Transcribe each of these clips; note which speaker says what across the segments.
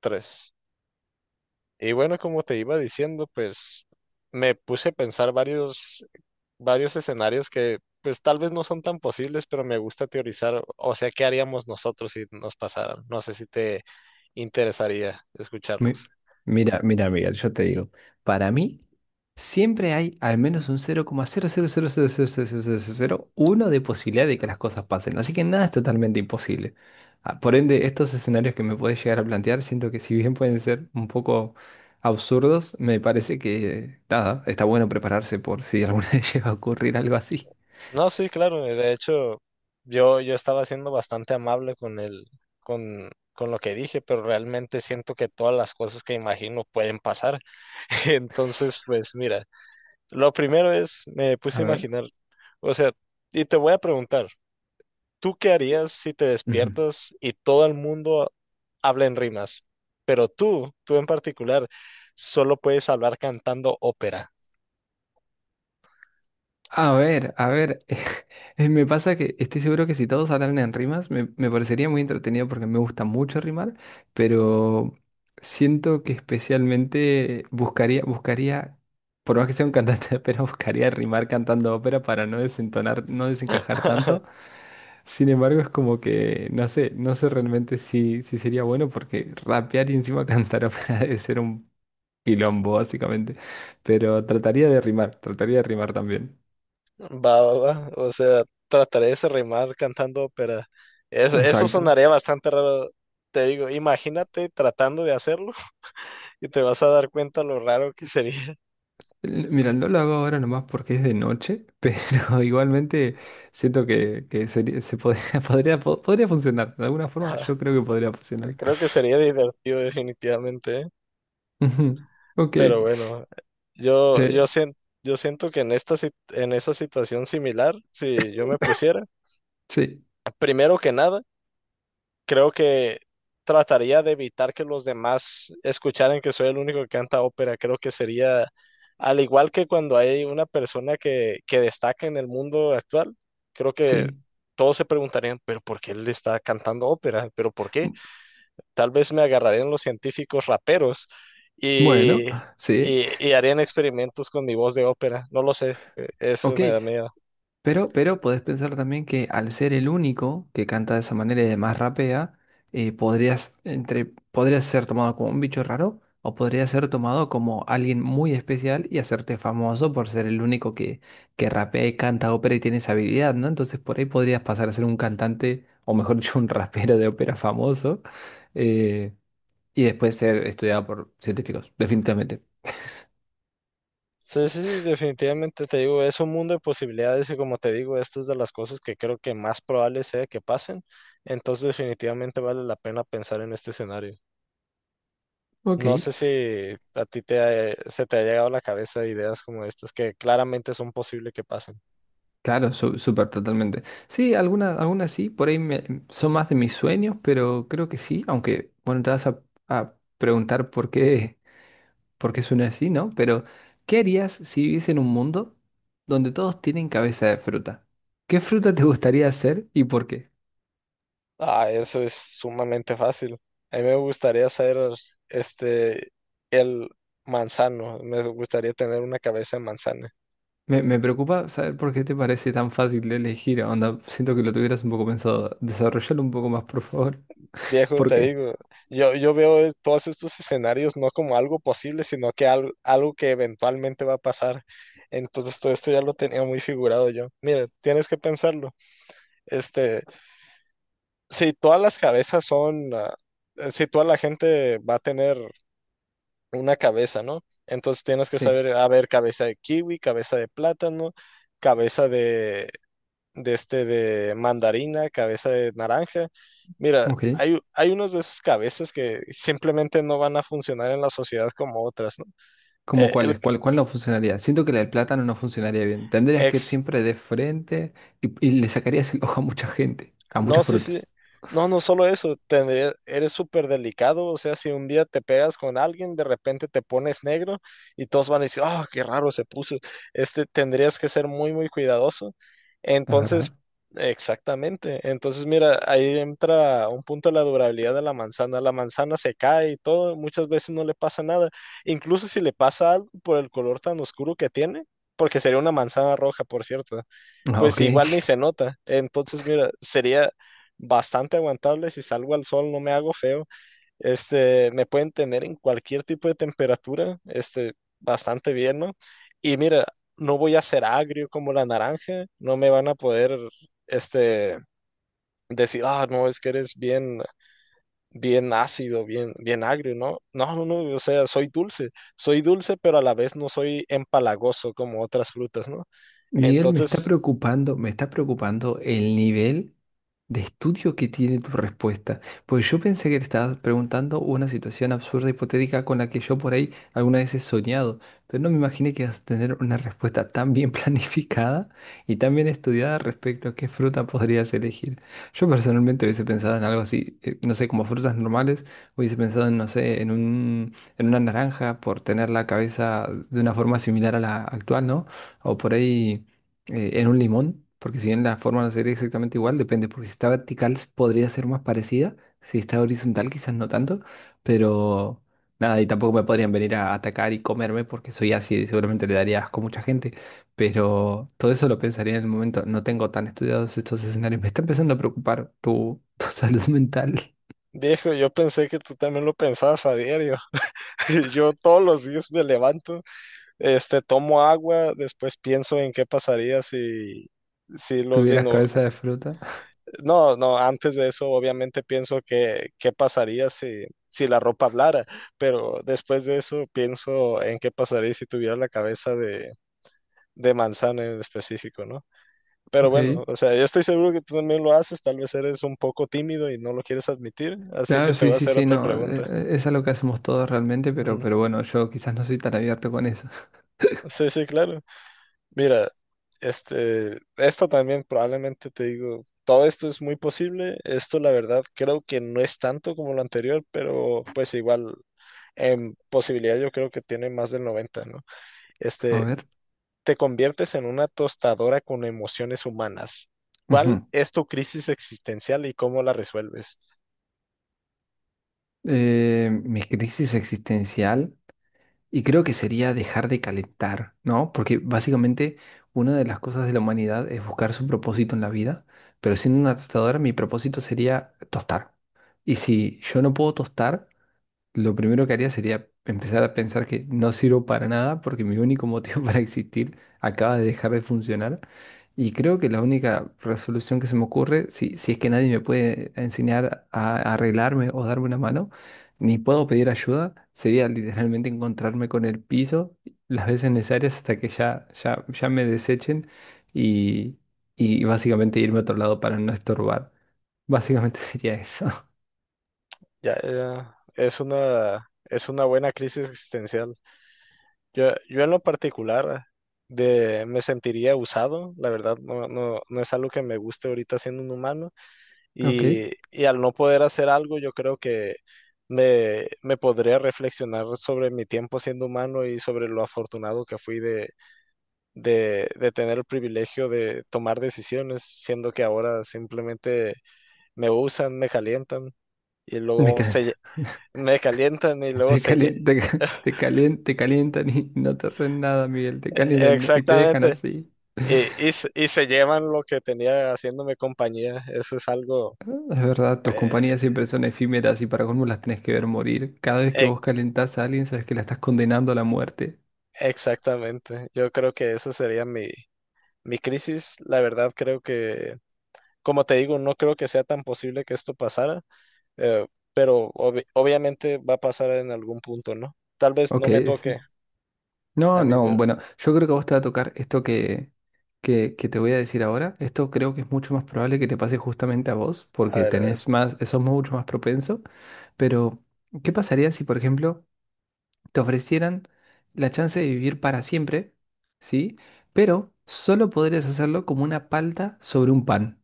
Speaker 1: Tres. Y bueno, como te iba diciendo, pues me puse a pensar varios escenarios que pues tal vez no son tan posibles, pero me gusta teorizar, o sea, ¿qué haríamos nosotros si nos pasaran? No sé si te interesaría
Speaker 2: Mi-
Speaker 1: escucharlos.
Speaker 2: Mira, Miguel, yo te digo, para mí siempre hay al menos un cero coma cero cero cero cero cero cero cero cero coma uno de posibilidad de que las cosas pasen, así que nada es totalmente imposible. Ah, por ende, estos escenarios que me podés llegar a plantear, siento que si bien pueden ser un poco absurdos, me parece que nada, está bueno prepararse por si alguna vez llega a ocurrir algo así.
Speaker 1: No, sí, claro, de hecho, yo estaba siendo bastante amable con con lo que dije, pero realmente siento que todas las cosas que imagino pueden pasar. Entonces, pues mira. Lo primero es, me
Speaker 2: A
Speaker 1: puse a
Speaker 2: ver.
Speaker 1: imaginar, o sea, y te voy a preguntar, ¿tú qué harías si te
Speaker 2: Ujú.
Speaker 1: despiertas y todo el mundo habla en rimas? Pero tú en particular, solo puedes hablar cantando ópera.
Speaker 2: A ver, me pasa que estoy seguro que si todos hablaran en rimas, me parecería muy entretenido porque me gusta mucho rimar, pero siento que especialmente buscaría, por más que sea un cantante de ópera, buscaría rimar cantando ópera para no desentonar, no desencajar tanto. Sin embargo, es como que, no sé, no sé realmente si sería bueno porque rapear y encima cantar ópera debe ser un quilombo, básicamente, pero trataría de rimar también.
Speaker 1: Va, va, va. O sea, trataré de se rimar cantando ópera. Eso
Speaker 2: Exacto.
Speaker 1: sonaría bastante raro. Te digo, imagínate tratando de hacerlo y te vas a dar cuenta lo raro que sería.
Speaker 2: Mira, no lo hago ahora nomás porque es de noche, pero igualmente siento que, se podría, podría funcionar. De alguna forma yo creo que podría funcionar.
Speaker 1: Creo que sería divertido definitivamente, ¿eh?
Speaker 2: Ujú. Ok.
Speaker 1: Pero bueno, yo, yo,
Speaker 2: Te-
Speaker 1: sien- yo siento que en en esa situación similar, si yo me pusiera,
Speaker 2: sí,
Speaker 1: primero que nada, creo que trataría de evitar que los demás escucharan que soy el único que canta ópera. Creo que sería, al igual que cuando hay una persona que destaca en el mundo actual, creo que
Speaker 2: sí.
Speaker 1: todos se preguntarían, pero ¿por qué él está cantando ópera? ¿Pero por qué?
Speaker 2: M-
Speaker 1: Tal vez me agarrarían los científicos raperos
Speaker 2: Bueno,
Speaker 1: y,
Speaker 2: sí.
Speaker 1: y harían experimentos con mi voz de ópera. No lo sé, eso
Speaker 2: Ok.
Speaker 1: me da miedo.
Speaker 2: Pero podés pensar también que al ser el único que canta de esa manera y además rapea, podrías, entre, podrías ser tomado como un bicho raro o podrías ser tomado como alguien muy especial y hacerte famoso por ser el único que rapea y canta ópera y tiene esa habilidad, ¿no? Entonces por ahí podrías pasar a ser un cantante, o mejor dicho, un rapero de ópera famoso, eh, y después ser estudiado por científicos, definitivamente.
Speaker 1: Sí, sí, sí, definitivamente te digo, es un mundo de posibilidades y como te digo, esta es de las cosas que creo que más probable sea que pasen, entonces definitivamente vale la pena pensar en este escenario.
Speaker 2: Ok.
Speaker 1: No sé si a ti se te ha llegado a la cabeza ideas como estas que claramente son posibles que pasen.
Speaker 2: Claro, súper, totalmente. Sí, algunas sí, por ahí son más de mis sueños, pero creo que sí, aunque, bueno, te vas a preguntar por qué, por qué suena así, ¿no? Pero, ¿qué harías si viviese en un mundo donde todos tienen cabeza de fruta? ¿Qué fruta te gustaría hacer y por qué?
Speaker 1: Ah, eso es sumamente fácil. A mí me gustaría ser este el manzano, me gustaría tener una cabeza de manzana.
Speaker 2: Me preocupa saber por qué te parece tan fácil de elegir, onda, siento que lo tuvieras un poco pensado. Desarrollalo un poco más, por favor.
Speaker 1: Viejo,
Speaker 2: ¿Por
Speaker 1: te
Speaker 2: qué?
Speaker 1: digo, yo todos estos escenarios no como algo posible, sino que algo que eventualmente va a pasar. Entonces todo esto ya lo tenía muy figurado yo. Mira, tienes que pensarlo. Este, si todas las cabezas son, si toda la gente va a tener una cabeza, ¿no? Entonces tienes que
Speaker 2: Sí,
Speaker 1: saber, a ver, cabeza de kiwi, cabeza de plátano, cabeza de mandarina, cabeza de naranja. Mira,
Speaker 2: ok.
Speaker 1: hay unos de esas cabezas que simplemente no van a funcionar en la sociedad como otras, ¿no?
Speaker 2: ¿Cómo
Speaker 1: Eh,
Speaker 2: cuál
Speaker 1: el
Speaker 2: es? ¿Cuál no funcionaría? Siento que la del plátano no funcionaría bien. Tendrías que ir
Speaker 1: ex,
Speaker 2: siempre de frente y le sacarías el ojo a mucha gente, a
Speaker 1: No,
Speaker 2: muchas
Speaker 1: sí, sí.
Speaker 2: frutas.
Speaker 1: No, no solo eso, eres súper delicado, o sea, si un día te pegas con alguien, de repente te pones negro y todos van a decir, oh, qué raro se puso. Tendrías que ser muy cuidadoso.
Speaker 2: ¿Es
Speaker 1: Entonces,
Speaker 2: verdad?
Speaker 1: exactamente. Entonces, mira, ahí entra un punto de la durabilidad de la manzana. La manzana se cae y todo, muchas veces no le pasa nada. Incluso si le pasa algo por el color tan oscuro que tiene, porque sería una manzana roja, por cierto
Speaker 2: Ah,
Speaker 1: pues
Speaker 2: ok.
Speaker 1: igual ni se nota. Entonces, mira, sería bastante aguantable si salgo al sol, no me hago feo. Me pueden tener en cualquier tipo de temperatura, bastante bien, ¿no? Y mira, no voy a ser agrio como la naranja, no me van a poder, este, decir, ah, no, es que eres bien, bien ácido, bien agrio, ¿no? No, no, no, o sea, soy dulce, pero a la vez no soy empalagoso como otras frutas, ¿no?
Speaker 2: Miguel,
Speaker 1: Entonces,
Speaker 2: me está preocupando el nivel. De estudio que tiene tu respuesta. Pues yo pensé que te estabas preguntando una situación absurda, hipotética, con la que yo por ahí alguna vez he soñado, pero no me imaginé que ibas a tener una respuesta tan bien planificada y tan bien estudiada respecto a qué fruta podrías elegir. Yo personalmente hubiese pensado en algo así, no sé, como frutas normales, hubiese pensado en, no sé, en una naranja por tener la cabeza de una forma similar a la actual, ¿no? O por ahí en un limón, porque si bien la forma no sería exactamente igual, depende, porque si está vertical podría ser más parecida, si está horizontal quizás no tanto, pero nada, y tampoco me podrían venir a atacar y comerme porque soy así y seguramente le daría asco a mucha gente, pero todo eso lo pensaría en el momento, no tengo tan estudiados estos escenarios, me está empezando a preocupar tu, tu salud mental,
Speaker 1: viejo, yo pensé que tú también lo pensabas a diario. Yo todos los días me levanto, tomo agua, después pienso en qué pasaría si los
Speaker 2: tuvieras
Speaker 1: dino...
Speaker 2: cabeza de fruta,
Speaker 1: No, no, antes de eso obviamente pienso que qué pasaría si la ropa hablara, pero después de eso pienso en qué pasaría si tuviera la cabeza de manzana en específico, ¿no? Pero
Speaker 2: ok.
Speaker 1: bueno, o sea, yo estoy seguro que tú también lo haces, tal vez eres un poco tímido y no lo quieres admitir, así que
Speaker 2: Claro,
Speaker 1: te
Speaker 2: sí,
Speaker 1: voy a
Speaker 2: sí,
Speaker 1: hacer
Speaker 2: sí,
Speaker 1: otra
Speaker 2: no,
Speaker 1: pregunta.
Speaker 2: es algo que hacemos todos realmente,
Speaker 1: Ujú.
Speaker 2: pero bueno, yo quizás no soy tan abierto con eso.
Speaker 1: Sí, sí, claro. Mira, esto también probablemente te digo, todo esto es muy posible. Esto, la verdad, creo que no es tanto como lo anterior, pero pues igual en posibilidad yo creo que tiene más del 90, ¿no?
Speaker 2: A
Speaker 1: Este,
Speaker 2: ver.
Speaker 1: te conviertes en una tostadora con emociones humanas. ¿Cuál
Speaker 2: Ujú.
Speaker 1: es tu crisis existencial y cómo la resuelves?
Speaker 2: Mi crisis existencial y creo que sería dejar de calentar, ¿no? Porque básicamente una de las cosas de la humanidad es buscar su propósito en la vida, pero siendo una tostadora mi propósito sería tostar. Y si yo no puedo tostar, lo primero que haría sería empezar a pensar que no sirvo para nada porque mi único motivo para existir acaba de dejar de funcionar. Y creo que la única resolución que se me ocurre, si es que nadie me puede enseñar a arreglarme o darme una mano, ni puedo pedir ayuda, sería literalmente encontrarme con el piso las veces necesarias hasta que ya me desechen y, y básicamente irme a otro lado para no estorbar. Básicamente sería eso.
Speaker 1: Ya, ya, es es una buena crisis existencial. Yo en lo particular me sentiría usado, la verdad, no es algo que me guste ahorita siendo un humano
Speaker 2: Ok,
Speaker 1: y al no poder hacer algo, yo creo que me podría reflexionar sobre mi tiempo siendo humano y sobre lo afortunado que fui de tener el privilegio de tomar decisiones, siendo que ahora simplemente me usan, me calientan y
Speaker 2: me quedan.
Speaker 1: me calientan y luego
Speaker 2: Te
Speaker 1: se...
Speaker 2: calientan, te, te calientan y no te hacen nada, Miguel. Te calientan y te dejan
Speaker 1: Exactamente.
Speaker 2: así.
Speaker 1: Y se llevan lo que tenía haciéndome compañía. Eso es algo...
Speaker 2: Es verdad, tus
Speaker 1: eh,
Speaker 2: compañías siempre son efímeras y para colmo las tenés que ver morir. Cada vez que
Speaker 1: e-
Speaker 2: vos calentás a alguien, sabes que la estás condenando a la muerte.
Speaker 1: exactamente. Yo creo que eso sería mi crisis. La verdad creo que, como te digo, no creo que sea tan posible que esto pasara, eh, pero obviamente va a pasar en algún punto, ¿no? Tal vez
Speaker 2: Ok,
Speaker 1: no me
Speaker 2: ese.
Speaker 1: toque a
Speaker 2: No,
Speaker 1: mí,
Speaker 2: no,
Speaker 1: pero
Speaker 2: bueno, yo creo que a vos te va a tocar esto que, que te voy a decir ahora. Esto creo que es mucho más probable que te pase justamente a vos,
Speaker 1: a
Speaker 2: porque
Speaker 1: ver, a ver.
Speaker 2: tenés más, sos mucho más propenso. Pero, ¿qué pasaría si, por ejemplo, te ofrecieran la chance de vivir para siempre, sí? Pero solo podrías hacerlo como una palta sobre un pan.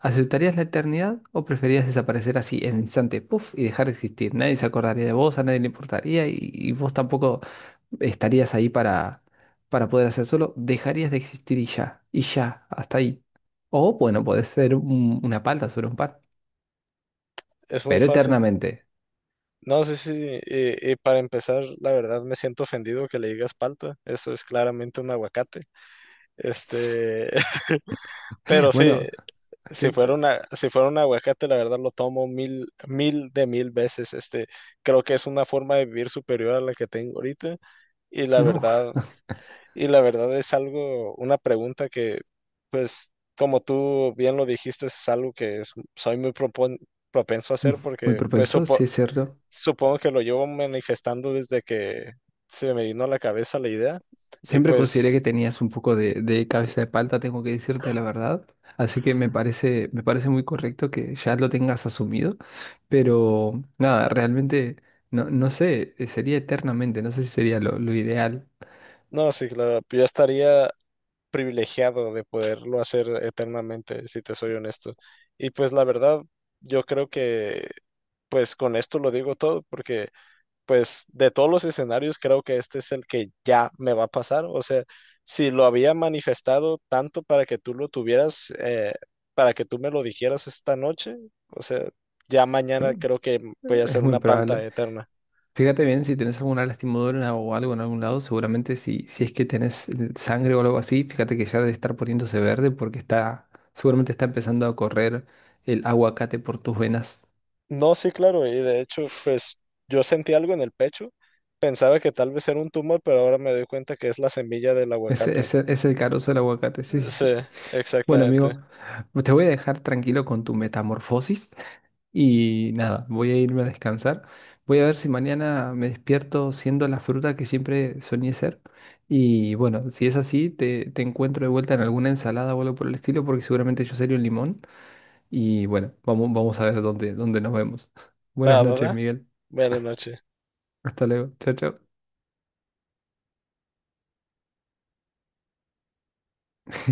Speaker 2: ¿Aceptarías la eternidad o preferirías desaparecer así en el instante, puff, y dejar de existir? Nadie se acordaría de vos, a nadie le importaría y vos tampoco estarías ahí para poder hacer solo. Dejarías de existir y ya, hasta ahí. O bueno, podés ser una palta sobre un pan,
Speaker 1: Es muy
Speaker 2: pero
Speaker 1: fácil.
Speaker 2: eternamente.
Speaker 1: No sé si, y para empezar, la verdad me siento ofendido que le digas palta. Eso es claramente un aguacate. Este, pero sí.
Speaker 2: Bueno,
Speaker 1: Si
Speaker 2: ¿qué?
Speaker 1: fuera una, si fuera un aguacate, la verdad lo tomo mil, mil de mil veces. Creo que es una forma de vivir superior a la que tengo ahorita. Y la
Speaker 2: No,
Speaker 1: verdad, y la verdad es algo, una pregunta que, pues, como tú bien lo dijiste, es algo soy muy propenso a hacer
Speaker 2: muy
Speaker 1: porque, pues,
Speaker 2: propenso, sí es cierto.
Speaker 1: supongo que lo llevo manifestando desde que se me vino a la cabeza la idea. Y
Speaker 2: Siempre consideré
Speaker 1: pues,
Speaker 2: que tenías un poco de cabeza de palta, tengo que decirte la verdad. Así que me parece muy correcto que ya lo tengas asumido. Pero nada, realmente no, no sé, sería eternamente, no sé si sería lo ideal.
Speaker 1: no, sí, claro, yo estaría privilegiado de poderlo hacer eternamente, si te soy honesto. Y pues la verdad, yo creo que pues con esto lo digo todo, porque pues de todos los escenarios creo que este es el que ya me va a pasar. O sea, si lo había manifestado tanto para que tú lo tuvieras, para que tú me lo dijeras esta noche, o sea, ya
Speaker 2: Pero,
Speaker 1: mañana creo que voy a
Speaker 2: es
Speaker 1: hacer
Speaker 2: muy
Speaker 1: una palta
Speaker 2: probable.
Speaker 1: eterna.
Speaker 2: Fíjate bien si tenés alguna lastimadura o algo en algún lado, seguramente si es que tenés sangre o algo así, fíjate que ya debe estar poniéndose verde porque está, seguramente está empezando a correr el aguacate por tus venas.
Speaker 1: No, sí, claro, y de hecho, pues yo sentí algo en el pecho, pensaba que tal vez era un tumor, pero ahora me doy cuenta que es la semilla del
Speaker 2: Ese,
Speaker 1: aguacate.
Speaker 2: ese es el carozo del aguacate, sí,
Speaker 1: Sí,
Speaker 2: sí, sí. Bueno,
Speaker 1: exactamente.
Speaker 2: amigo, pues te voy a dejar tranquilo con tu metamorfosis y nada, voy a irme a descansar. Voy a ver si mañana me despierto siendo la fruta que siempre soñé ser. Y bueno, si es así, te encuentro de vuelta en alguna ensalada o algo por el estilo, porque seguramente yo seré un limón. Y bueno, vamos, vamos a ver dónde, dónde nos vemos. Buenas
Speaker 1: Va, va,
Speaker 2: noches,
Speaker 1: va.
Speaker 2: Miguel.
Speaker 1: Buenas noches.
Speaker 2: Hasta luego. Chao, chao.